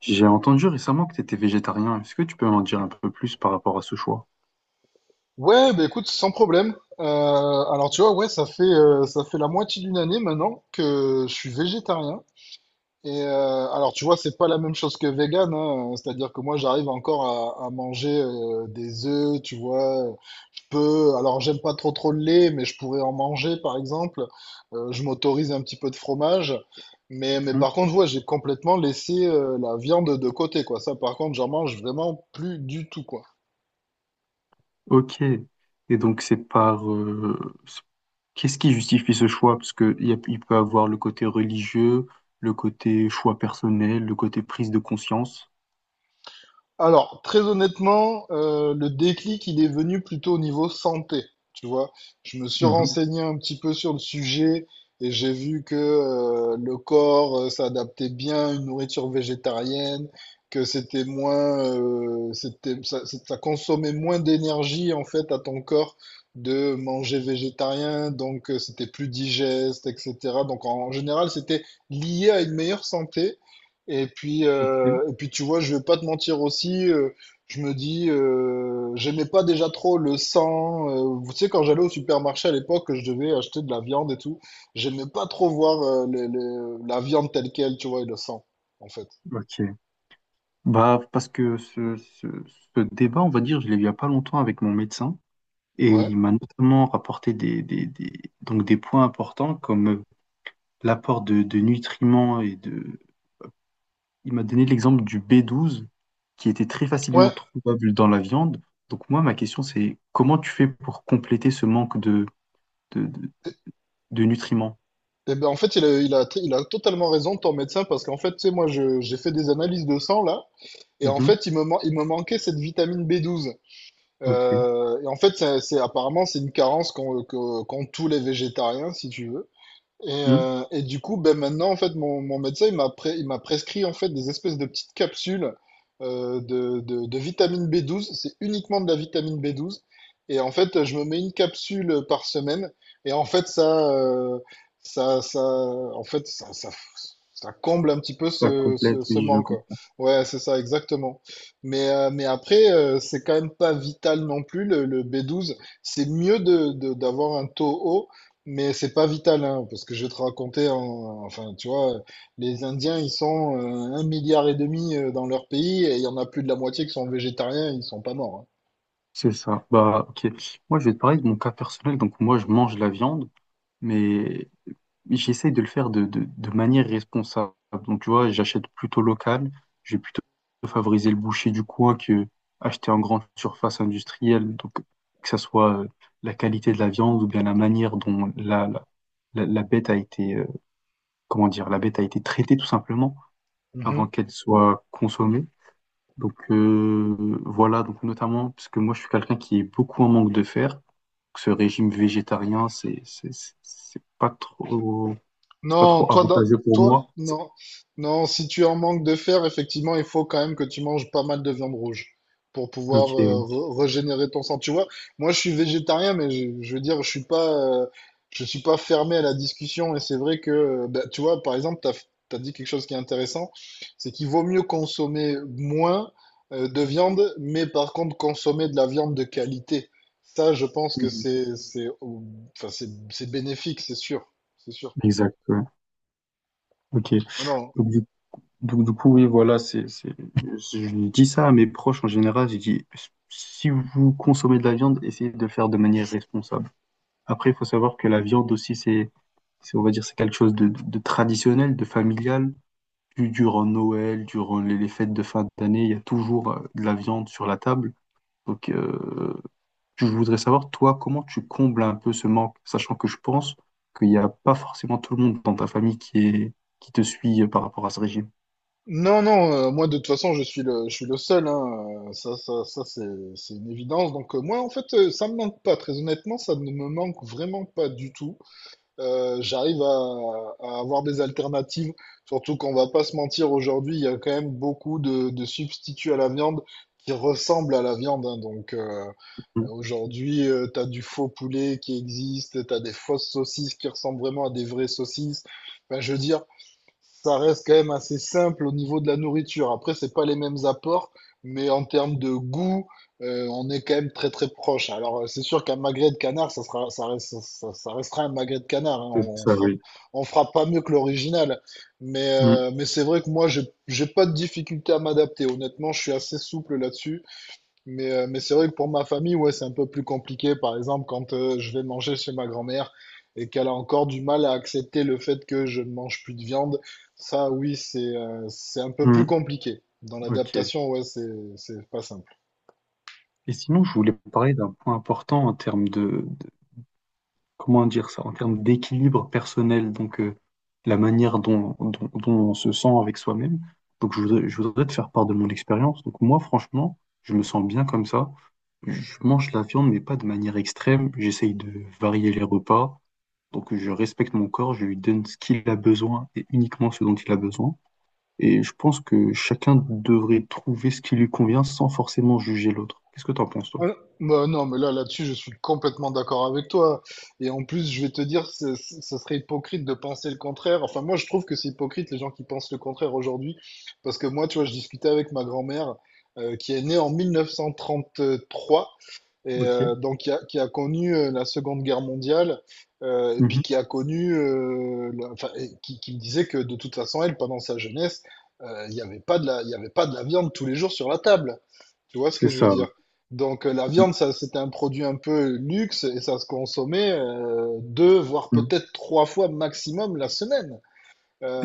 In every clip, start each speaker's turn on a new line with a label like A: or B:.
A: J'ai entendu récemment que tu étais végétarien. Est-ce que tu peux m'en dire un peu plus par rapport à ce choix?
B: Ouais, bah écoute, sans problème. Alors tu vois, ouais, ça fait la moitié d'une année maintenant que je suis végétarien. Et alors tu vois, c'est pas la même chose que vegan, hein. C'est-à-dire que moi, j'arrive encore à manger des œufs, tu vois. Je peux, alors j'aime pas trop trop le lait, mais je pourrais en manger, par exemple. Je m'autorise un petit peu de fromage. Mais
A: Mhm.
B: par contre, ouais, j'ai complètement laissé la viande de côté, quoi. Ça, par contre, j'en mange vraiment plus du tout, quoi.
A: Ok. C'est- Qu'est-ce qui justifie ce choix? Parce que il peut avoir le côté religieux, le côté choix personnel, le côté prise de conscience.
B: Alors, très honnêtement, le déclic, il est venu plutôt au niveau santé, tu vois. Je me suis
A: Mhm.
B: renseigné un petit peu sur le sujet et j'ai vu que le corps s'adaptait bien à une nourriture végétarienne, que c'était moins, ça consommait moins d'énergie en fait à ton corps de manger végétarien, donc c'était plus digeste, etc. Donc en général, c'était lié à une meilleure santé, et puis,
A: Ok,
B: euh, et puis tu vois, je vais pas te mentir aussi, je me dis, j'aimais pas déjà trop le sang. Vous savez, quand j'allais au supermarché à l'époque, que je devais acheter de la viande et tout, j'aimais pas trop voir la viande telle quelle, tu vois, et le sang, en fait.
A: ok. Bah, parce que ce débat, on va dire, je l'ai eu il y a pas longtemps avec mon médecin, et
B: Ouais.
A: il m'a notamment rapporté donc des points importants comme l'apport de nutriments et de, il m'a donné l'exemple du B12 qui était très facilement
B: Ouais.
A: trouvable dans la viande. Donc moi, ma question, c'est comment tu fais pour compléter ce manque de, de- de nutriments?
B: Et ben en fait, il a totalement raison, ton médecin, parce qu'en fait, tu sais, moi, j'ai fait des analyses de sang là, et en
A: Mhm.
B: fait, il me manquait cette vitamine B12.
A: Ok.
B: Et en fait, apparemment, c'est une carence qu'ont tous les végétariens, si tu veux. Et,
A: Mhm.
B: euh, et du coup, ben maintenant, en fait, mon médecin, il m'a prescrit en fait des espèces de petites capsules de vitamine B12. C'est uniquement de la vitamine B12. Et en fait, je me mets une capsule par semaine. Et en fait, ça, ça, en fait, ça, ça, ça comble un petit peu
A: Ça
B: ce, ce,
A: complète,
B: ce
A: oui, je
B: manque, quoi.
A: comprends.
B: Ouais, c'est ça, exactement. Mais après, c'est quand même pas vital non plus, le B12. C'est mieux d'avoir un taux haut, mais c'est pas vital, hein, parce que je vais te raconter, enfin, tu vois, les Indiens, ils sont un milliard et demi dans leur pays, et il y en a plus de la moitié qui sont végétariens, ils sont pas morts.
A: C'est ça. Bah, ok. Moi, je vais te parler de mon cas personnel. Donc moi, je mange la viande, mais j'essaye de le faire de manière responsable. Donc, tu vois, j'achète plutôt local. Je vais plutôt favoriser le boucher du coin que acheter en grande surface industrielle. Donc, que ça soit la qualité de la viande, ou bien la manière dont la bête a été, comment dire, la bête a été traitée tout simplement avant
B: Hein.
A: qu'elle soit consommée. Voilà, donc notamment, parce que moi, je suis quelqu'un qui est beaucoup en manque de fer. Ce régime végétarien, c'est pas trop. C'est pas
B: Non,
A: trop avantageux pour
B: toi,
A: moi.
B: non, non, si tu es en manque de fer, effectivement, il faut quand même que tu manges pas mal de viande rouge pour pouvoir
A: Ok, oui.
B: régénérer ton sang. Tu vois, moi, je suis végétarien, mais je veux dire, euh, je suis pas fermé à la discussion. Et c'est vrai que, bah, tu vois, par exemple, t'as dit quelque chose qui est intéressant, c'est qu'il vaut mieux consommer moins de viande, mais par contre, consommer de la viande de qualité. Ça, je pense que
A: Mhm.
B: enfin, c'est bénéfique, c'est sûr, c'est sûr.
A: Exact. Ouais. Ok.
B: Non, non.
A: Donc du, du coup, oui, voilà, je dis ça à mes proches en général. J'ai dit, si vous consommez de la viande, essayez de le faire de manière responsable. Après, il faut savoir que la viande aussi, on va dire, c'est quelque chose de traditionnel, de familial. Durant Noël, durant les fêtes de fin d'année, il y a toujours de la viande sur la table. Donc, euh, Je voudrais savoir, toi, comment tu combles un peu ce manque, sachant que je pense qu'il n'y a pas forcément tout le monde dans ta famille qui est, qui te suit par rapport à ce régime.
B: Non, non, moi de toute façon je suis le seul, hein, c'est une évidence. Donc moi en fait ça me manque pas, très honnêtement ça ne me manque vraiment pas du tout. J'arrive à avoir des alternatives, surtout qu'on va pas se mentir aujourd'hui, il y a quand même beaucoup de substituts à la viande qui ressemblent à la viande. Hein. Donc
A: Mm.
B: aujourd'hui tu t'as du faux poulet qui existe, t'as des fausses saucisses qui ressemblent vraiment à des vraies saucisses. Ben, je veux dire ça reste quand même assez simple au niveau de la nourriture. Après, c'est pas les mêmes apports, mais en termes de goût, on est quand même très très proche. Alors, c'est sûr qu'un magret de canard, ça sera, ça reste- ça- ça restera un magret de canard. Hein.
A: C'est
B: On
A: ça,
B: fera,
A: oui.
B: on fera pas mieux que l'original. Mais,
A: Mm,
B: euh, mais c'est vrai que moi, j'ai pas de difficulté à m'adapter. Honnêtement, je suis assez souple là-dessus. Mais c'est vrai que pour ma famille, ouais, c'est un peu plus compliqué. Par exemple, quand je vais manger chez ma grand-mère et qu'elle a encore du mal à accepter le fait que je ne mange plus de viande, ça, oui, c'est un peu plus
A: mm,
B: compliqué. Dans
A: ok.
B: l'adaptation, ouais, c'est pas simple.
A: Et sinon, je voulais parler d'un point important en termes de, comment dire ça, en termes d'équilibre personnel, la manière dont, dont on se sent avec soi-même. Donc je voudrais te faire part de mon expérience. Donc moi, franchement, je me sens bien comme ça. Je mange la viande, mais pas de manière extrême. J'essaye de varier les repas. Donc je respecte mon corps, je lui donne ce qu'il a besoin et uniquement ce dont il a besoin. Et je pense que chacun devrait trouver ce qui lui convient sans forcément juger l'autre. Qu'est-ce que t'en penses, toi?
B: Euh, Bah non, mais là, là-dessus, je suis complètement d'accord avec toi. Et en plus, je vais te dire, ce serait hypocrite de penser le contraire. Enfin, moi, je trouve que c'est hypocrite les gens qui pensent le contraire aujourd'hui. Parce que moi, tu vois, je discutais avec ma grand-mère, qui est née en 1933 et
A: Ok.
B: donc qui a connu la Seconde Guerre mondiale, et puis
A: Mhm.
B: qui a connu, enfin, et qui me disait que de toute façon, elle, pendant sa jeunesse, il y avait pas de la viande tous les jours sur la table. Tu vois ce
A: C'est
B: que je veux
A: ça. Ouais.
B: dire? Donc la viande, ça, c'était un produit un peu luxe et ça se consommait deux, voire
A: Mhm.
B: peut-être trois fois maximum la semaine.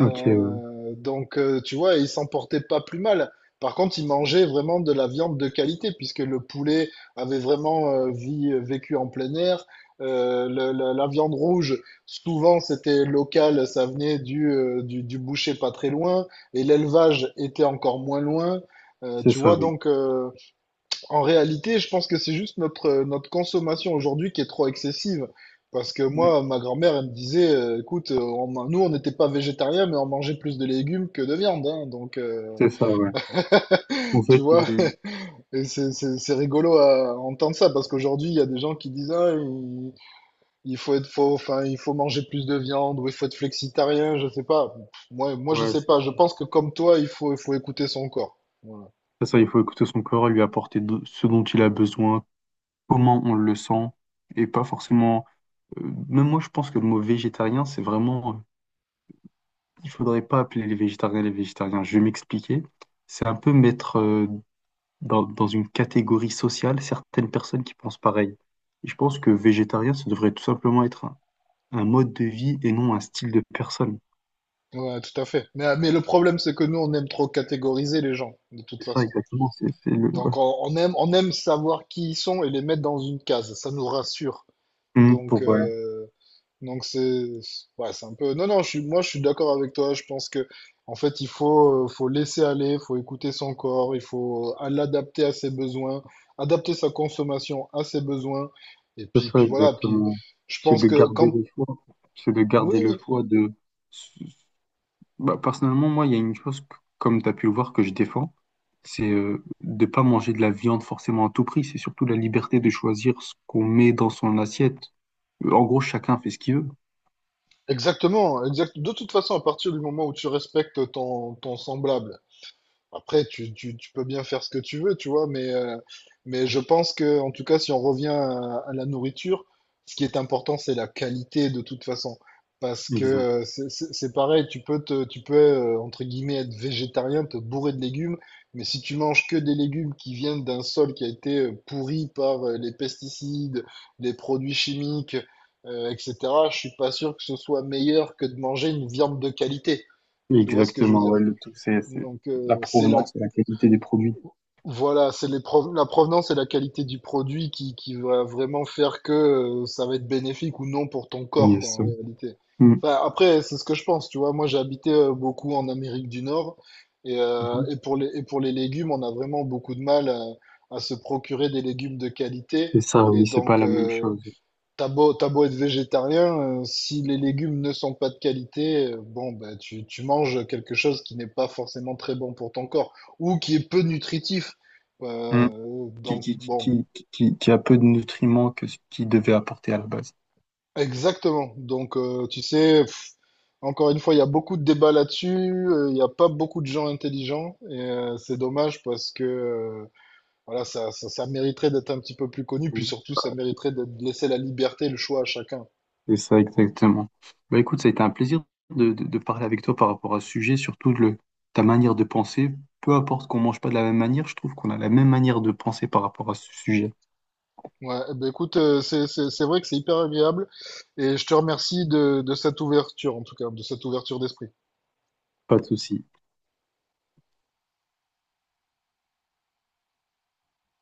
A: Ok.
B: Donc, tu vois, ils s'en portaient pas plus mal. Par contre, ils mangeaient vraiment de la viande de qualité, puisque le poulet avait vraiment vécu en plein air. La viande rouge, souvent, c'était local, ça venait du boucher pas très loin, et l'élevage était encore moins loin.
A: C'est
B: Tu
A: ça,
B: vois,
A: oui.
B: donc, en réalité, je pense que c'est juste notre, notre consommation aujourd'hui qui est trop excessive. Parce que
A: Mm.
B: moi, ma grand-mère, elle me disait, écoute, on n'était pas végétariens, mais on mangeait plus de légumes que de viande. Hein. Donc,
A: C'est ça, ouais. En
B: tu
A: fait,
B: vois,
A: il...
B: et c'est rigolo à entendre ça, parce qu'aujourd'hui, il y a des gens qui disent, ah, il faut être faux, enfin, il faut manger plus de viande, ou il faut être flexitarien, je sais pas. Je
A: ouais,
B: sais pas. Je pense que comme toi, il faut écouter son corps.
A: c'est ça. Il faut écouter son corps, lui apporter ce dont il a besoin, comment on le sent, et pas forcément. euh, Même moi, je pense que le mot végétarien, c'est vraiment. Il faudrait pas appeler les végétariens les végétariens. Je vais m'expliquer. C'est un peu mettre dans, dans une catégorie sociale certaines personnes qui pensent pareil. Et je pense que végétarien, ça devrait tout simplement être un mode de vie et non un style de personne.
B: Ouais, tout à fait. Mais le problème, c'est que nous, on aime trop catégoriser les gens, de toute
A: C'est ça,
B: façon.
A: exactement. C'est le. Ouais.
B: Donc, on aime savoir qui ils sont et les mettre dans une case. Ça nous rassure.
A: Mm,
B: Donc,
A: Pour,
B: euh, donc c'est, ouais, c'est un peu. Non, non, moi, je suis d'accord avec toi. Je pense que, en fait, faut laisser aller, faut écouter son corps, il faut l'adapter à ses besoins, adapter sa consommation à ses besoins. Et
A: C'est
B: puis,
A: ça
B: puis voilà. Puis,
A: exactement.
B: je
A: C'est
B: pense
A: de
B: que
A: garder
B: quand,
A: le choix. C'est de garder le
B: oui.
A: choix de... Bah, personnellement, moi, il y a une chose, comme tu as pu le voir, que je défends, c'est de pas manger de la viande forcément à tout prix. C'est surtout la liberté de choisir ce qu'on met dans son assiette. En gros, chacun fait ce qu'il veut.
B: Exactement, exact. De toute façon, à partir du moment où tu respectes ton semblable, après, tu peux bien faire ce que tu veux, tu vois, mais je pense que, en tout cas, si on revient à la nourriture, ce qui est important, c'est la qualité de toute façon. Parce que
A: Exact.
B: c'est pareil, tu peux, entre guillemets, être végétarien, te bourrer de légumes, mais si tu manges que des légumes qui viennent d'un sol qui a été pourri par les pesticides, les produits chimiques, etc., je suis pas sûr que ce soit meilleur que de manger une viande de qualité. Tu vois ce que je veux
A: Exactement,
B: dire?
A: ouais, le tout, c'est
B: Donc,
A: la
B: c'est la
A: provenance et la qualité des produits
B: voilà, la provenance et la qualité du produit qui va vraiment faire que ça va être bénéfique ou non pour ton corps,
A: qui
B: quoi, en
A: sont.
B: réalité.
A: Mm.
B: Enfin, après, c'est ce que je pense, tu vois. Moi, j'ai habité beaucoup en Amérique du Nord
A: Mhm.
B: et pour les légumes, on a vraiment beaucoup de mal à se procurer des légumes de qualité.
A: C'est ça,
B: Et
A: oui, c'est pas
B: donc,
A: la même chose.
B: T'as beau être végétarien, si les légumes ne sont pas de qualité, bon, bah, tu manges quelque chose qui n'est pas forcément très bon pour ton corps ou qui est peu nutritif.
A: Mm. Qui,
B: Donc,
A: qui, qui,
B: bon,
A: qui, qui, qui- qui a peu de nutriments que ce qu'il devait apporter à la base.
B: exactement. Donc, tu sais, pff, encore une fois, il y a beaucoup de débats là-dessus. Il n'y a pas beaucoup de gens intelligents et c'est dommage parce que voilà, ça mériterait d'être un petit peu plus connu. Puis
A: Mm.
B: surtout, ça mériterait de laisser la liberté, le choix à chacun.
A: C'est ça, exactement. Bah, écoute, ça a été un plaisir de parler avec toi par rapport à ce sujet, surtout ta manière de penser. Peu importe qu'on mange pas de la même manière, je trouve qu'on a la même manière de penser par rapport à ce sujet.
B: Ouais, eh ben, écoute, c'est vrai que c'est hyper agréable et je te remercie de cette ouverture, en tout cas, de cette ouverture d'esprit.
A: Pas de souci.